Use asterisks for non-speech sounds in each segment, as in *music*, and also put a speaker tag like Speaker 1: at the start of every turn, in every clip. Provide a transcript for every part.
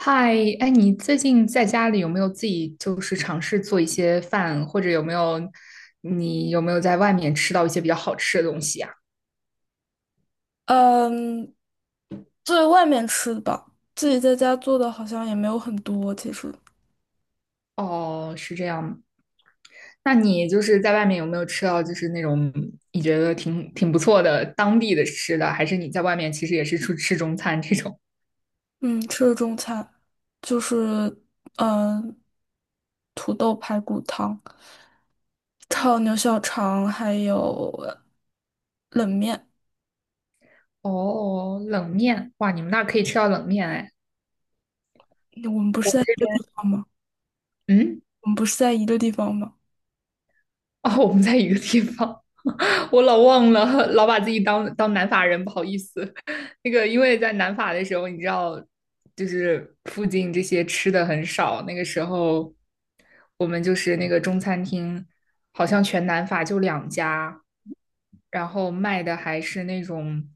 Speaker 1: 嗨，哎，你最近在家里有没有自己就是尝试做一些饭，或者你有没有在外面吃到一些比较好吃的东西呀？
Speaker 2: 嗯，在外面吃的吧，自己在家做的好像也没有很多。其实，
Speaker 1: 哦，是这样。那你就是在外面有没有吃到就是那种你觉得挺不错的当地的吃的，还是你在外面其实也是出吃中餐这种？
Speaker 2: 嗯，吃的中餐就是嗯，土豆排骨汤、炒牛小肠，还有冷面。
Speaker 1: *laughs* 哦，冷面，哇，你们那儿可以吃到冷面哎。
Speaker 2: 我们不是在一个地方吗？
Speaker 1: 嗯。
Speaker 2: 我们不是在一个地方吗？
Speaker 1: *laughs* 哦，我们在一个地方，*laughs* 我老忘了，老把自己当南法人，不好意思。*laughs* 那个，因为在南法的时候，你知道，就是附近这些吃的很少。那个时候，我们就是那个中餐厅，好像全南法就两家，然后卖的还是那种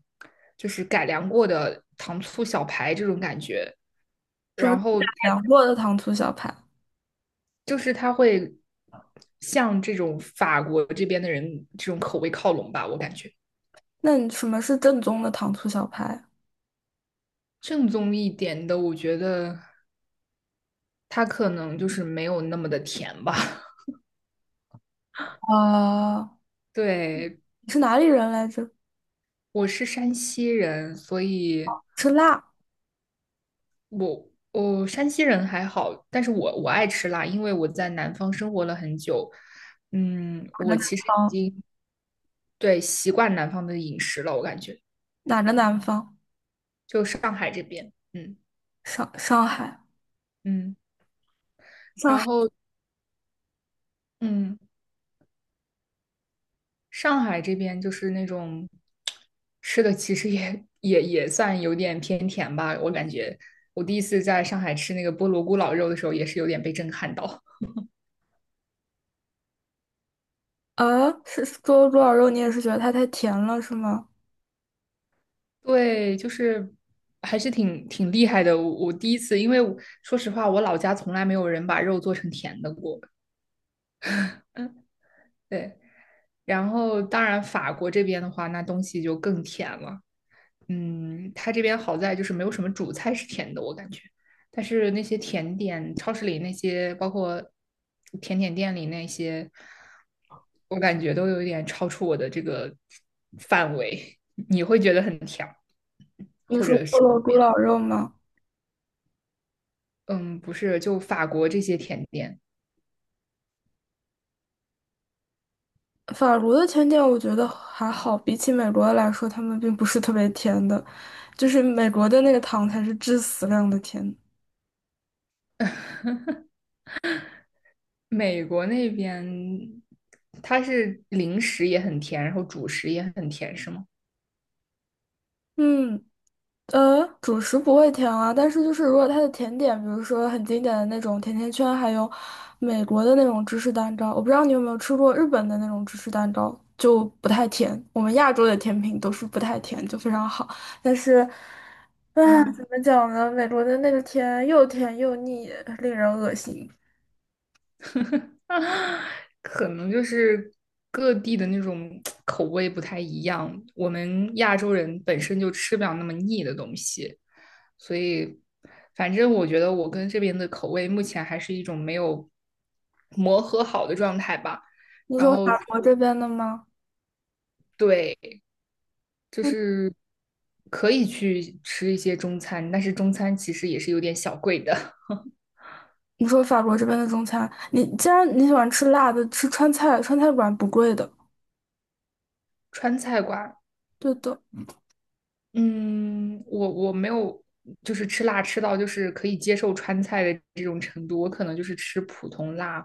Speaker 1: 就是改良过的糖醋小排这种感觉。
Speaker 2: 什么
Speaker 1: 然
Speaker 2: 是改
Speaker 1: 后它
Speaker 2: 良过的糖醋小排？
Speaker 1: 就是他会向这种法国这边的人这种口味靠拢吧，我感觉。
Speaker 2: 那你什么是正宗的糖醋小排？
Speaker 1: 正宗一点的，我觉得它可能就是没有那么的甜吧。
Speaker 2: 啊、
Speaker 1: *laughs* 对，
Speaker 2: 你是哪里人来着？
Speaker 1: 我是山西人，所以
Speaker 2: 吃辣？
Speaker 1: 我山西人还好，但是我爱吃辣，因为我在南方生活了很久。嗯，
Speaker 2: 哪个
Speaker 1: 我
Speaker 2: 南
Speaker 1: 其实已
Speaker 2: 方？
Speaker 1: 经对。习惯南方的饮食了，我感觉
Speaker 2: 哪个南方？
Speaker 1: 就上海这边。嗯
Speaker 2: 上海，
Speaker 1: 嗯，
Speaker 2: 上
Speaker 1: 然
Speaker 2: 海，
Speaker 1: 后嗯。上海这边就是那种吃的，其实也算有点偏甜吧。我感觉我第一次在上海吃那个菠萝咕咾肉的时候，也是有点被震撼到。
Speaker 2: 是是萝猪脑肉，你也是觉得它太甜了，是吗？
Speaker 1: *laughs* 对，就是还是挺厉害的。我第一次，因为我说实话，我老家从来没有人把肉做成甜的过。嗯，对。然后当然，法国这边的话，那东西就更甜了。嗯，它这边好在就是没有什么主菜是甜的，我感觉。但是那些甜点，超市里那些，包括甜点店里那些，我感觉都有一点超出我的这个范围。你会觉得很甜，
Speaker 2: 你
Speaker 1: 或
Speaker 2: 说
Speaker 1: 者
Speaker 2: 菠
Speaker 1: 是怎
Speaker 2: 萝
Speaker 1: 么
Speaker 2: 猪
Speaker 1: 样？
Speaker 2: 脑肉吗？
Speaker 1: 嗯，不是，就法国这些甜点。
Speaker 2: 法国的甜点我觉得还好，比起美国的来说，他们并不是特别甜的，就是美国的那个糖才是致死量的甜。
Speaker 1: *laughs* 美国那边它是零食也很甜，然后主食也很甜，是吗？
Speaker 2: 嗯，主食不会甜啊，但是就是如果它的甜点，比如说很经典的那种甜甜圈，还有美国的那种芝士蛋糕，我不知道你有没有吃过日本的那种芝士蛋糕，就不太甜。我们亚洲的甜品都是不太甜，就非常好。但是
Speaker 1: 嗯。
Speaker 2: 怎么讲呢？美国的那个甜又甜又腻，令人恶心。
Speaker 1: *laughs* 啊，可能就是各地的那种口味不太一样。我们亚洲人本身就吃不了那么腻的东西，所以反正我觉得我跟这边的口味目前还是一种没有磨合好的状态吧。
Speaker 2: 你
Speaker 1: 然
Speaker 2: 说
Speaker 1: 后
Speaker 2: 法国这边的吗？
Speaker 1: 对，就
Speaker 2: 嗯，
Speaker 1: 是可以去吃一些中餐，但是中餐其实也是有点小贵的。
Speaker 2: 你说法国这边的中餐，你既然你喜欢吃辣的，吃川菜，川菜馆不贵的。
Speaker 1: *laughs* 川菜馆。
Speaker 2: 对的。
Speaker 1: 嗯，我没有，就是吃辣吃到就是可以接受川菜的这种程度，我可能就是吃普通辣，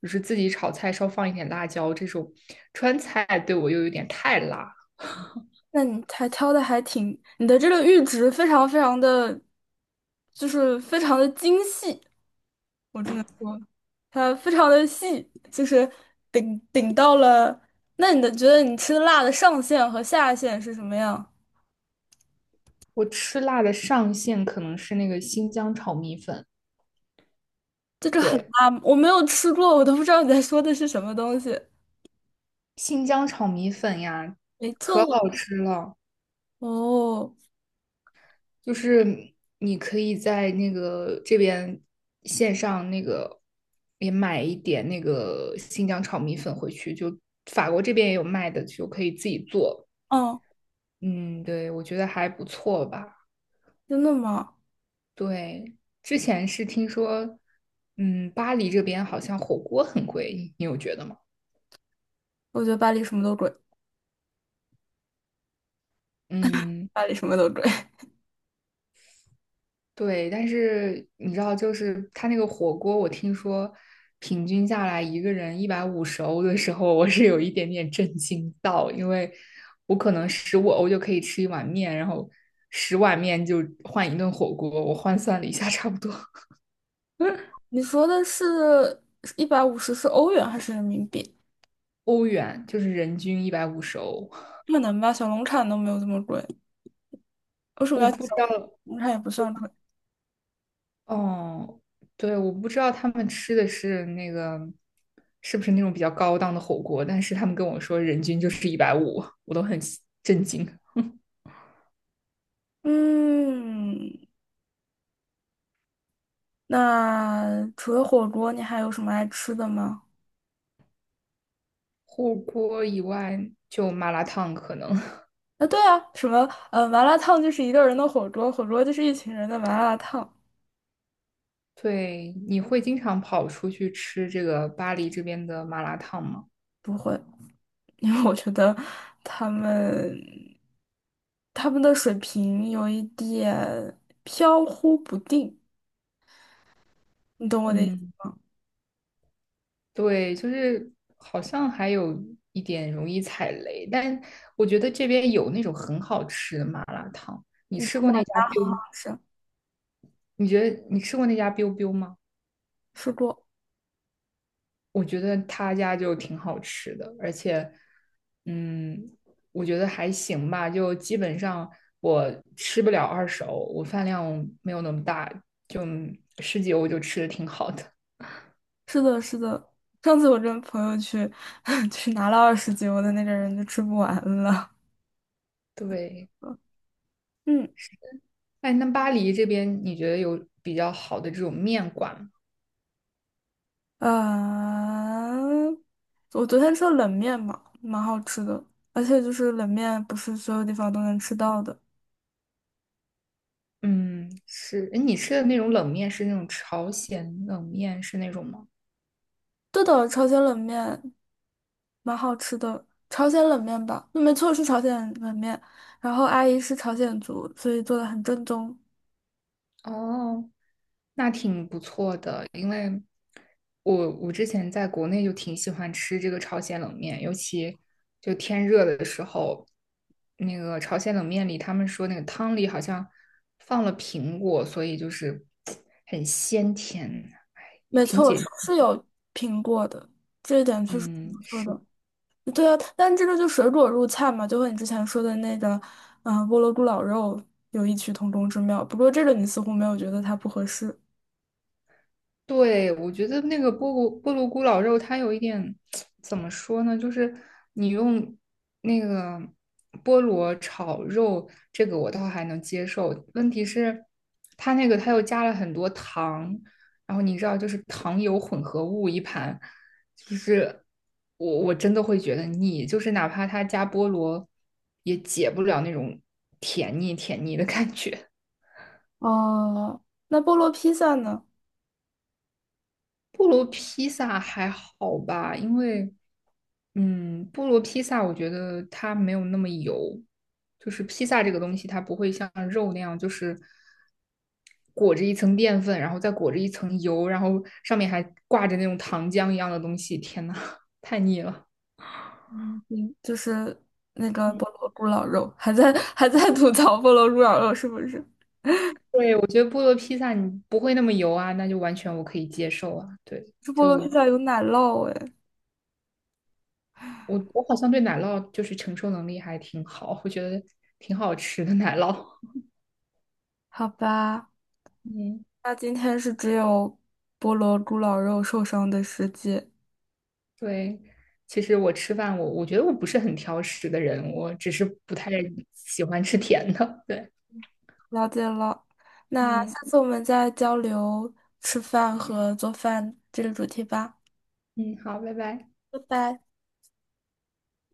Speaker 1: 就是自己炒菜稍放一点辣椒这种。川菜对我又有点太辣。
Speaker 2: 那你还挑的还挺，你的这个阈值非常非常的，就是非常的精细，我只能说，它非常的细，就是顶顶到了。那你的觉得你吃的辣的上限和下限是什么样？
Speaker 1: 我吃辣的上限可能是那个新疆炒米粉，
Speaker 2: 这个很
Speaker 1: 对，
Speaker 2: 辣吗，我没有吃过，我都不知道你在说的是什么东西。
Speaker 1: 新疆炒米粉呀，
Speaker 2: 没
Speaker 1: 可
Speaker 2: 错
Speaker 1: 好吃了。
Speaker 2: 哦，
Speaker 1: 就是你可以在那个这边线上那个也买一点那个新疆炒米粉回去，就法国这边也有卖的，就可以自己做。
Speaker 2: 哦，嗯
Speaker 1: 嗯，对，我觉得还不错吧。
Speaker 2: 真的吗？
Speaker 1: 对，之前是听说，嗯，巴黎这边好像火锅很贵，你有觉得吗？
Speaker 2: 我觉得巴黎什么都贵，
Speaker 1: 嗯。
Speaker 2: 巴黎什么都贵。*laughs*
Speaker 1: 对，但是你知道，就是他那个火锅，我听说平均下来一个人一百五十欧的时候，我是有一点点震惊到，因为我可能15欧就可以吃一碗面，然后10碗面就换一顿火锅，我换算了一下，差不多。
Speaker 2: 你说的是150是欧元还是人民币？
Speaker 1: 欧元就是人均一百五十欧。
Speaker 2: 可能吧，小龙产都没有这么贵，为什么
Speaker 1: 我
Speaker 2: 要
Speaker 1: 不知
Speaker 2: 小
Speaker 1: 道，
Speaker 2: 龙产也不算贵？
Speaker 1: 哦，对，我不知道他们吃的是那个是不是那种比较高档的火锅，但是他们跟我说人均就是一百五，我都很震惊。
Speaker 2: 嗯，那除了火锅，你还有什么爱吃的吗？
Speaker 1: 火锅以外就麻辣烫可能。*laughs*
Speaker 2: 啊，对啊，麻辣烫就是一个人的火锅，火锅就是一群人的麻辣烫。
Speaker 1: 对，你会经常跑出去吃这个巴黎这边的麻辣烫吗？
Speaker 2: 不会 *laughs*，因为我觉得他们他们的水平有一点飘忽不定，你懂我的意思
Speaker 1: 嗯，
Speaker 2: 吗？
Speaker 1: 对，就是好像还有一点容易踩雷，但我觉得这边有那种很好吃的麻辣烫。那家 biu，
Speaker 2: 是，
Speaker 1: 你觉得你吃过那家 biu biu 吗？
Speaker 2: 吃过。
Speaker 1: 我觉得他家就挺好吃的，而且，嗯，我觉得还行吧，就基本上我吃不了二手，我饭量没有那么大，就十几欧就吃的挺好的。
Speaker 2: 是的，是的。上次我跟朋友去 *laughs* 去拿了20斤，我的那个人就吃不完了。
Speaker 1: 对，
Speaker 2: 嗯，
Speaker 1: 哎，那巴黎这边你觉得有比较好的这种面馆吗？
Speaker 2: 啊，我昨天吃了冷面嘛，蛮好吃的，而且就是冷面不是所有地方都能吃到的。
Speaker 1: 嗯，是，哎，你吃的那种冷面是那种朝鲜冷面是那种吗？
Speaker 2: 对的，朝鲜冷面蛮好吃的，朝鲜冷面吧，没错是朝鲜冷面。然后阿姨是朝鲜族，所以做的很正宗。
Speaker 1: 哦，那挺不错的，因为我之前在国内就挺喜欢吃这个朝鲜冷面，尤其就天热的时候，那个朝鲜冷面里他们说那个汤里好像放了苹果，所以就是 *tsk* 很鲜甜，哎，也
Speaker 2: 没
Speaker 1: 挺
Speaker 2: 错，我是
Speaker 1: 解，
Speaker 2: 是有评过的，这一点确实挺
Speaker 1: 嗯，
Speaker 2: 不错
Speaker 1: 是。
Speaker 2: 的。对啊，但这个就水果入菜嘛，就和你之前说的那个，嗯、菠萝咕咾肉有异曲同工之妙。不过这个你似乎没有觉得它不合适。
Speaker 1: 对，我觉得那个菠萝咕咾肉，它有一点 *tsk* 怎么说呢？就是你用那个菠萝炒肉，这个我倒还能接受。问题是，它那个它又加了很多糖，然后你知道，就是糖油混合物一盘，就是我真的会觉得腻。就是哪怕它加菠萝，也解不了那种甜腻甜腻的感觉。
Speaker 2: 哦，那菠萝披萨呢？
Speaker 1: 菠萝披萨还好吧，因为，嗯，菠萝披萨我觉得它没有那么油，就是披萨这个东西它不会像肉那样，就是裹着一层淀粉，然后再裹着一层油，然后上面还挂着那种糖浆一样的东西。天呐，*laughs* 太腻了。
Speaker 2: 嗯就是那个菠萝咕咾肉，还在 *laughs* 还在吐槽菠萝咕咾肉是不是？
Speaker 1: 对，我觉得菠萝披萨你不会那么油啊，那就完全我可以接受啊。对，
Speaker 2: 这菠萝披萨有奶酪哎，
Speaker 1: 我好像对奶酪就是承受能力还挺好，我觉得挺好吃的奶酪。*laughs*
Speaker 2: 好吧，
Speaker 1: 嗯。
Speaker 2: 那今天是只有菠萝咕咾肉受伤的世界。
Speaker 1: 对，其实我吃饭，我觉得我不是很挑食的人，我只是不太喜欢吃甜的。对，
Speaker 2: 了解了。那
Speaker 1: 嗯
Speaker 2: 下次我们再交流吃饭和做饭这个主题吧，
Speaker 1: 嗯，好，拜拜。
Speaker 2: 拜拜。